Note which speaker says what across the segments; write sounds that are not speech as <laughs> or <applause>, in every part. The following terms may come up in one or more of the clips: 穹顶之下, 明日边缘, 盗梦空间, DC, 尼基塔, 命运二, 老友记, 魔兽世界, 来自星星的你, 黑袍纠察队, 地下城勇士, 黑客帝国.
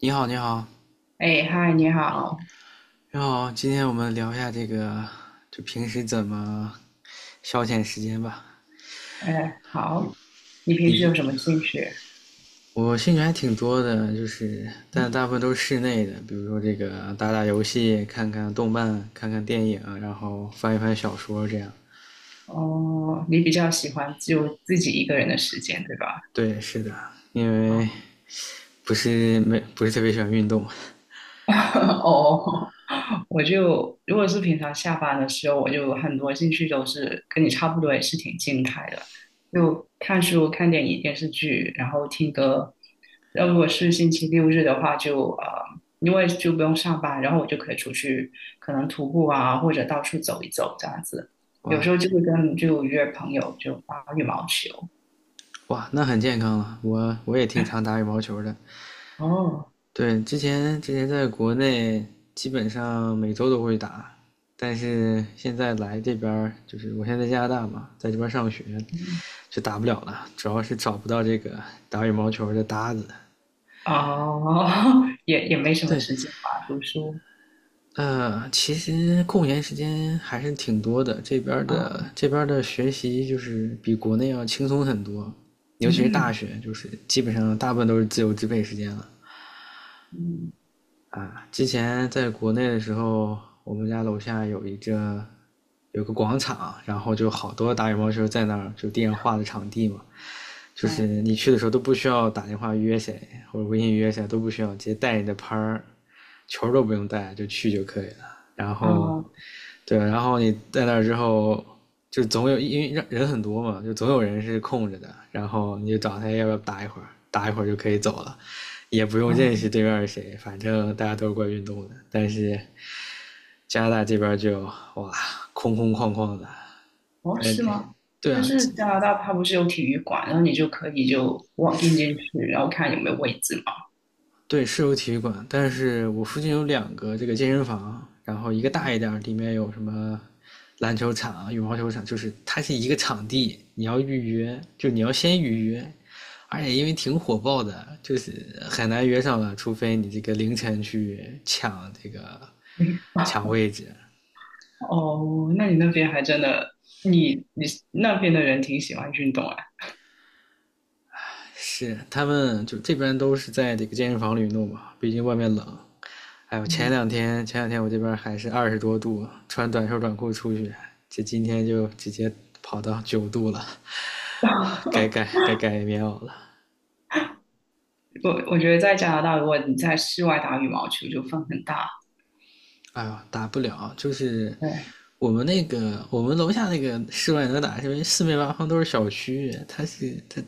Speaker 1: 你好，你好，
Speaker 2: 哎，嗨，你好，
Speaker 1: 你好，今天我们聊一下这个，就平时怎么消遣时间吧。
Speaker 2: 哎，好，你平
Speaker 1: 你
Speaker 2: 时
Speaker 1: 比
Speaker 2: 有什么兴趣？
Speaker 1: 我兴趣还挺多的，就是但大部分都是室内的，比如说这个打打游戏、看看动漫、看看电影，然后翻一翻小说这样。
Speaker 2: 哦，你比较喜欢就自己一个人的时间，对吧？
Speaker 1: 对，是的，因为
Speaker 2: 啊。
Speaker 1: 不是特别喜欢运动。
Speaker 2: <laughs> 哦，我就如果是平常下班的时候，我就很多兴趣都是跟你差不多，也是挺静态的，就看书、看电影、电视剧，然后听歌。那如果是星期六日的话就，因为就不用上班，然后我就可以出去，可能徒步啊，或者到处走一走这样子。有时
Speaker 1: 哇
Speaker 2: 候就会约朋友就打羽毛球。
Speaker 1: 哇，那很健康了。我也挺常
Speaker 2: <laughs>
Speaker 1: 打羽毛球的，
Speaker 2: 哦，
Speaker 1: 对，之前在国内基本上每周都会打，但是现在来这边儿就是我现在在加拿大嘛，在这边上学
Speaker 2: 嗯
Speaker 1: 就打不了了，主要是找不到这个打羽毛球的搭子。
Speaker 2: 哦，<laughs> 也没什么
Speaker 1: 对，
Speaker 2: 时间吧，读书。
Speaker 1: 呃，其实空闲时间还是挺多的，这边儿的
Speaker 2: 啊，
Speaker 1: 这边儿的学习就是比国内要轻松很多，尤其是大
Speaker 2: 嗯。
Speaker 1: 学，就是基本上大部分都是自由支配时间了。
Speaker 2: 嗯
Speaker 1: 啊，之前在国内的时候，我们家楼下有个广场，然后就好多打羽毛球在那儿就上画的场地嘛，就是
Speaker 2: 啊
Speaker 1: 你去的时候都不需要打电话约谁或者微信约谁，都不需要，直接带你的拍儿，球都不用带就去就可以了。然
Speaker 2: 啊
Speaker 1: 后对，然后你在那儿之后，就总有因为人人很多嘛，就总有人是空着的，然后你就找他要不要打一会儿，打一会儿就可以走了，也不用认识
Speaker 2: 啊！
Speaker 1: 对面是谁，反正大家都是过来运动的。但是加拿大这边就哇，空空旷旷的，
Speaker 2: 哦，
Speaker 1: 但是
Speaker 2: 是
Speaker 1: 这
Speaker 2: 吗？
Speaker 1: 对
Speaker 2: 但
Speaker 1: 啊，
Speaker 2: 是加拿大它不是有体育馆，然后你就可以就 w a 进去，然后看有没有位置嘛。
Speaker 1: 对，是有体育馆，但是我附近有两个这个健身房，然后一个大一
Speaker 2: 嗯
Speaker 1: 点儿里面有什么篮球场啊羽毛球场，就是它是一个场地，你要预约，就你要先预约，而且因为挺火爆的，就是很难约上了，除非你这个凌晨去抢这个
Speaker 2: 诶 <laughs>
Speaker 1: 抢位置。
Speaker 2: 哦，那你那边还真的，你那边的人挺喜欢运动啊。
Speaker 1: 是，他们就这边都是在这个健身房里弄嘛，毕竟外面冷。哎呦，前
Speaker 2: 嗯，
Speaker 1: 两天前两天我这边还是20多度，穿短袖短裤出去，这今天就直接跑到9度了，
Speaker 2: <laughs>
Speaker 1: 该改棉袄了。
Speaker 2: 我觉得在加拿大，如果你在室外打羽毛球，就风很大。
Speaker 1: 哎呦，打不了，就是
Speaker 2: 对，
Speaker 1: 我们楼下那个室外能打，是因为四面八方都是小区，它是它，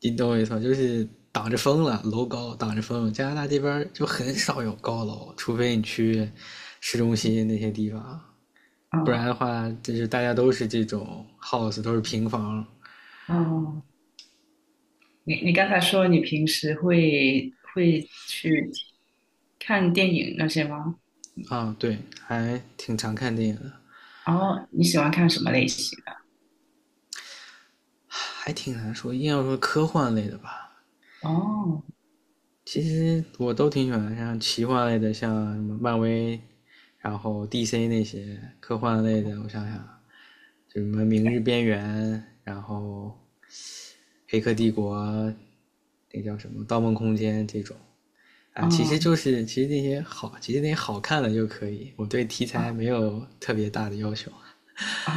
Speaker 1: 你懂我意思吗？就是挡着风了，楼高挡着风。加拿大这边就很少有高楼，除非你去市中心那些地方，不然
Speaker 2: 啊
Speaker 1: 的话，就是大家都是这种 house，都是平房。
Speaker 2: 啊，你刚才说你平时会去看电影那些吗？
Speaker 1: 啊，对，还挺常看电影的，
Speaker 2: 然后你喜欢看什么类型？
Speaker 1: 还挺难说。硬要说科幻类的吧，
Speaker 2: 哦，
Speaker 1: 其实我都挺喜欢，像奇幻类的，像什么漫威，然后 DC 那些科幻类的，我想想，就什么《明日边缘》，然后《黑客帝国》，那叫什么《盗梦空间》这种啊，其实
Speaker 2: 嗯
Speaker 1: 其实那些好，其实那些好看的就可以。我对题
Speaker 2: 啊
Speaker 1: 材没有特别大的要求。
Speaker 2: 啊，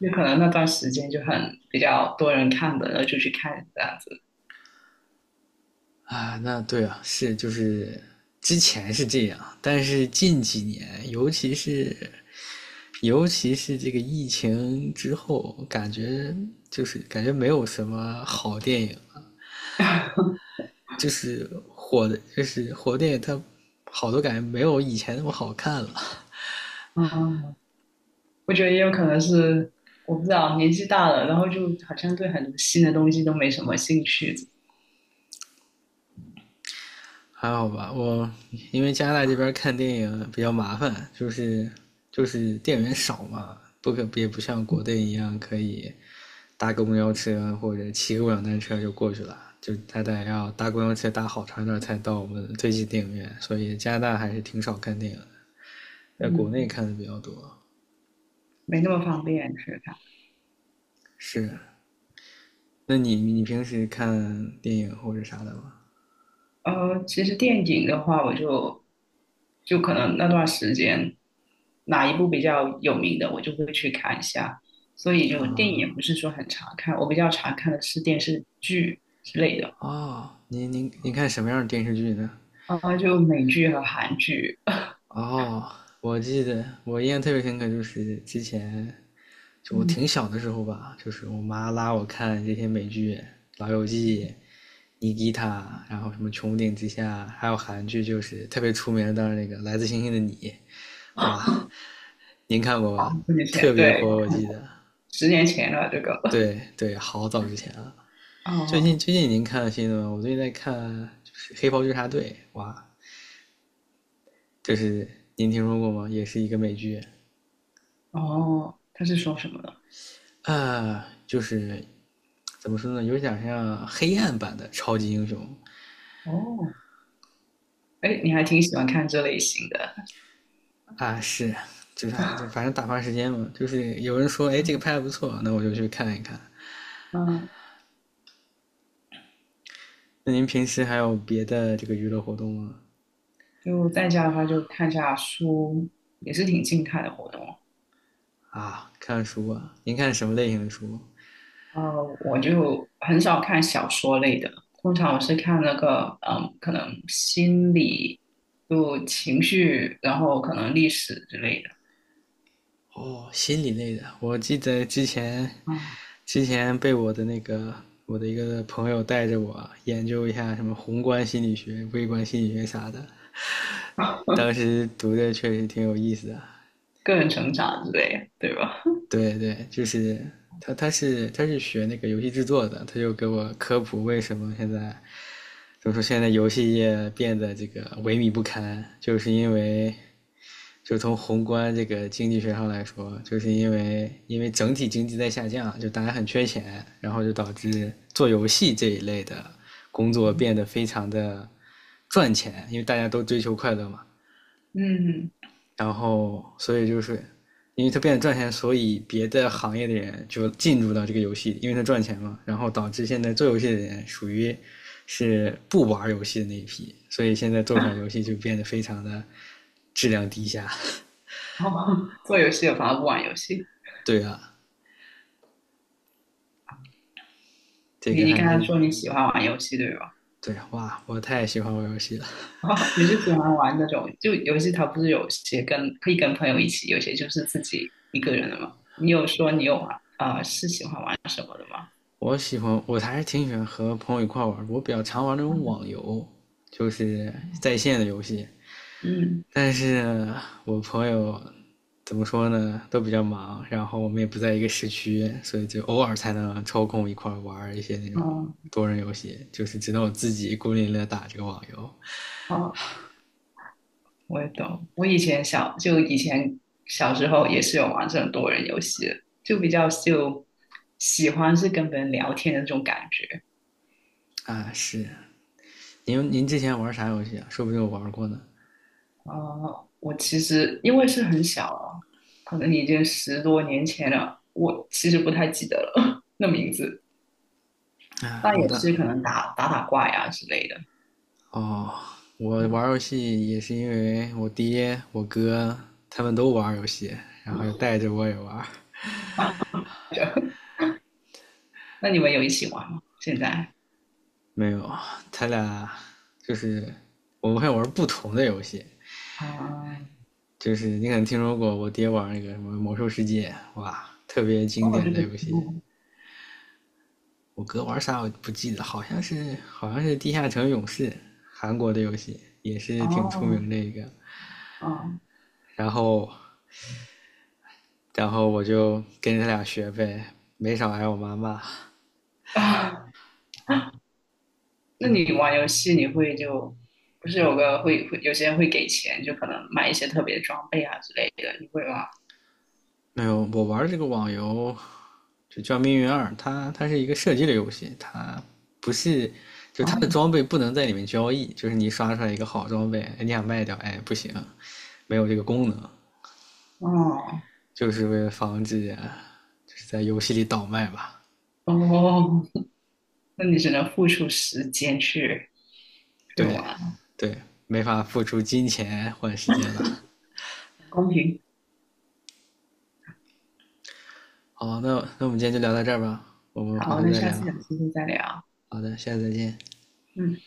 Speaker 2: 就可能那段时间就很比较多人看的，然后就去看这样子。
Speaker 1: 啊，那对啊，是就是之前是这样，但是近几年，尤其是这个疫情之后，感觉没有什么好电影了就是火的，就是火电影它好多感觉没有以前那么好看了。
Speaker 2: 嗯，我觉得也有可能是我不知道年纪大了，然后就好像对很多新的东西都没什么兴趣，
Speaker 1: 还好吧，我因为加拿大这边看电影比较麻烦，就是电影院少嘛，不可也不像国内一样可以搭个公交车或者骑个共享单车就过去了，就他得要搭公交车搭好长一段才到我们最近电影院，所以加拿大还是挺少看电影的在国内
Speaker 2: 嗯，
Speaker 1: 看的比较多。
Speaker 2: 没那么方便去看。
Speaker 1: 是，那你平时看电影或者啥的吗？
Speaker 2: 其实电影的话，我就可能那段时间哪一部比较有名的，我就会去看一下。所以就电影也不是说很常看，我比较常看的是电视剧之类的。
Speaker 1: 哦，您看什么样的电视剧呢？
Speaker 2: 啊，就美剧和韩剧，
Speaker 1: 哦，我记得我印象特别深刻，就是之前就我
Speaker 2: 嗯，
Speaker 1: 挺小的时候吧，就是我妈拉我看这些美剧，《老友记》尼基塔，然后什么《穹顶之下》，还有韩剧就是特别出名的，当然那个《来自星星的你》，哇，您看过
Speaker 2: 好，
Speaker 1: 吧？
Speaker 2: 十年
Speaker 1: 特
Speaker 2: 前，
Speaker 1: 别
Speaker 2: 对，
Speaker 1: 火，我记得。
Speaker 2: 十年前了这个，
Speaker 1: 对对，好早之前了。
Speaker 2: <laughs>
Speaker 1: 最近
Speaker 2: 哦
Speaker 1: 最近您看了新的吗？我最近在看就是《黑袍纠察队》，哇，就是您听说过吗？也是一个美剧，
Speaker 2: 哦，他是说什么的？
Speaker 1: 啊，呃就是怎么说呢，有点像黑暗版的超级英雄
Speaker 2: 哦，哎，你还挺喜欢看这类型的，
Speaker 1: 啊，是，就是啊，就反正打发时间嘛。就是有人说，哎，这个拍
Speaker 2: <laughs>
Speaker 1: 的不错，那我就去看一看。
Speaker 2: 嗯，
Speaker 1: 那您平时还有别的这个娱乐活动吗？
Speaker 2: 就在家的话就看下书，也是挺静态的活动。
Speaker 1: 啊，看书啊？您看什么类型的书？
Speaker 2: 呃，我就很少看小说类的，通常我是看那个，可能心理，就情绪，然后可能历史之类的，
Speaker 1: 哦，心理类的。我记得之前
Speaker 2: 啊、
Speaker 1: 之前被我的那个我的一个朋友带着我研究一下什么宏观心理学、微观心理学啥的，当时读的确实挺有意思的。
Speaker 2: 个人成长之类的，对吧？
Speaker 1: 对对，就是他是学那个游戏制作的，他就给我科普为什么现在就么说？现在游戏业变得这个萎靡不堪，就是因为，就从宏观这个经济学上来说，就是因为整体经济在下降，就大家很缺钱，然后就导致做游戏这一类的工作变得非常的赚钱，因为大家都追求快乐嘛。
Speaker 2: 嗯，
Speaker 1: 然后所以就是因为它变得赚钱，所以别的行业的人就进入到这个游戏，因为它赚钱嘛，然后导致现在做游戏的人属于是不玩游戏的那一批，所以现在做出来游
Speaker 2: <laughs>
Speaker 1: 戏就变得非常的质量低下。
Speaker 2: 哦，做游戏有反而不玩游戏。
Speaker 1: 对啊，这
Speaker 2: 你
Speaker 1: 个
Speaker 2: 你
Speaker 1: 还
Speaker 2: 刚才
Speaker 1: 是
Speaker 2: 说你喜欢玩游戏对吧？
Speaker 1: 对啊哇，我太喜欢玩游戏了。
Speaker 2: <laughs> 你是喜欢玩那种就游戏，它不是有些可以跟朋友一起，有些就是自己一个人的嘛。你有说你有玩啊、是喜欢玩什么的吗？
Speaker 1: 我喜欢，我还是挺喜欢和朋友一块玩。我比较常玩那种网游，就是在线的游戏，
Speaker 2: 嗯，
Speaker 1: 但是我朋友怎么说呢，都比较忙，然后我们也不在一个市区，所以就偶尔才能抽空一块儿玩一些那种
Speaker 2: 哦
Speaker 1: 多人游戏，就是只能我自己孤零零的打这个网游
Speaker 2: 哦，我也懂。我以前小时候也是有玩这种多人游戏的，就比较就喜欢是跟别人聊天的那种感觉。
Speaker 1: 啊。是，您之前玩啥游戏啊？说不定我玩过呢。
Speaker 2: 啊，我其实因为是很小了，可能已经10多年前了，我其实不太记得了 <laughs> 那名字。
Speaker 1: 啊，
Speaker 2: 那也是可能打打怪呀之类的。
Speaker 1: 哦，我
Speaker 2: 嗯，
Speaker 1: 玩游戏也是因为我爹、我哥他们都玩游戏，然后就带着我也玩。
Speaker 2: <laughs> 那你们有一起玩吗？现在？
Speaker 1: 没有，他俩就是我们会玩不同的游戏，
Speaker 2: 啊，
Speaker 1: 就是你可能听说过我爹玩那个什么《魔兽世界》，哇，特别经
Speaker 2: 哦，
Speaker 1: 典
Speaker 2: 这
Speaker 1: 的
Speaker 2: 个
Speaker 1: 游
Speaker 2: 题
Speaker 1: 戏。
Speaker 2: 目，
Speaker 1: 我哥玩啥我不记得，好像是《地下城勇士》，韩国的游戏也是挺出
Speaker 2: 哦，
Speaker 1: 名的一个。
Speaker 2: 哦，
Speaker 1: 然后我就跟他俩学呗，没少挨我妈骂。
Speaker 2: 啊，<laughs> 那你玩游戏你会就不是有个会有些人会给钱，就可能买一些特别装备啊之类的，你会吗？
Speaker 1: 没有，我玩这个网游就叫《命运2》，它是一个射击类游戏，它不是就它的
Speaker 2: 哦，
Speaker 1: 装备不能在里面交易，就是你刷出来一个好装备，哎你想卖掉，哎不行，没有这个功能。
Speaker 2: 哦，
Speaker 1: 就是为了防止就是在游戏里倒卖吧。
Speaker 2: 哦。那你只能付出时间去
Speaker 1: 对，
Speaker 2: 玩，
Speaker 1: 对，没法付出金钱换时间了。
Speaker 2: 公平。
Speaker 1: 好，那我们今天就聊到这儿吧，我们回
Speaker 2: 好，
Speaker 1: 头
Speaker 2: 那
Speaker 1: 再
Speaker 2: 下次有
Speaker 1: 聊。
Speaker 2: 机会再聊。
Speaker 1: 好的，下次再见。
Speaker 2: 嗯。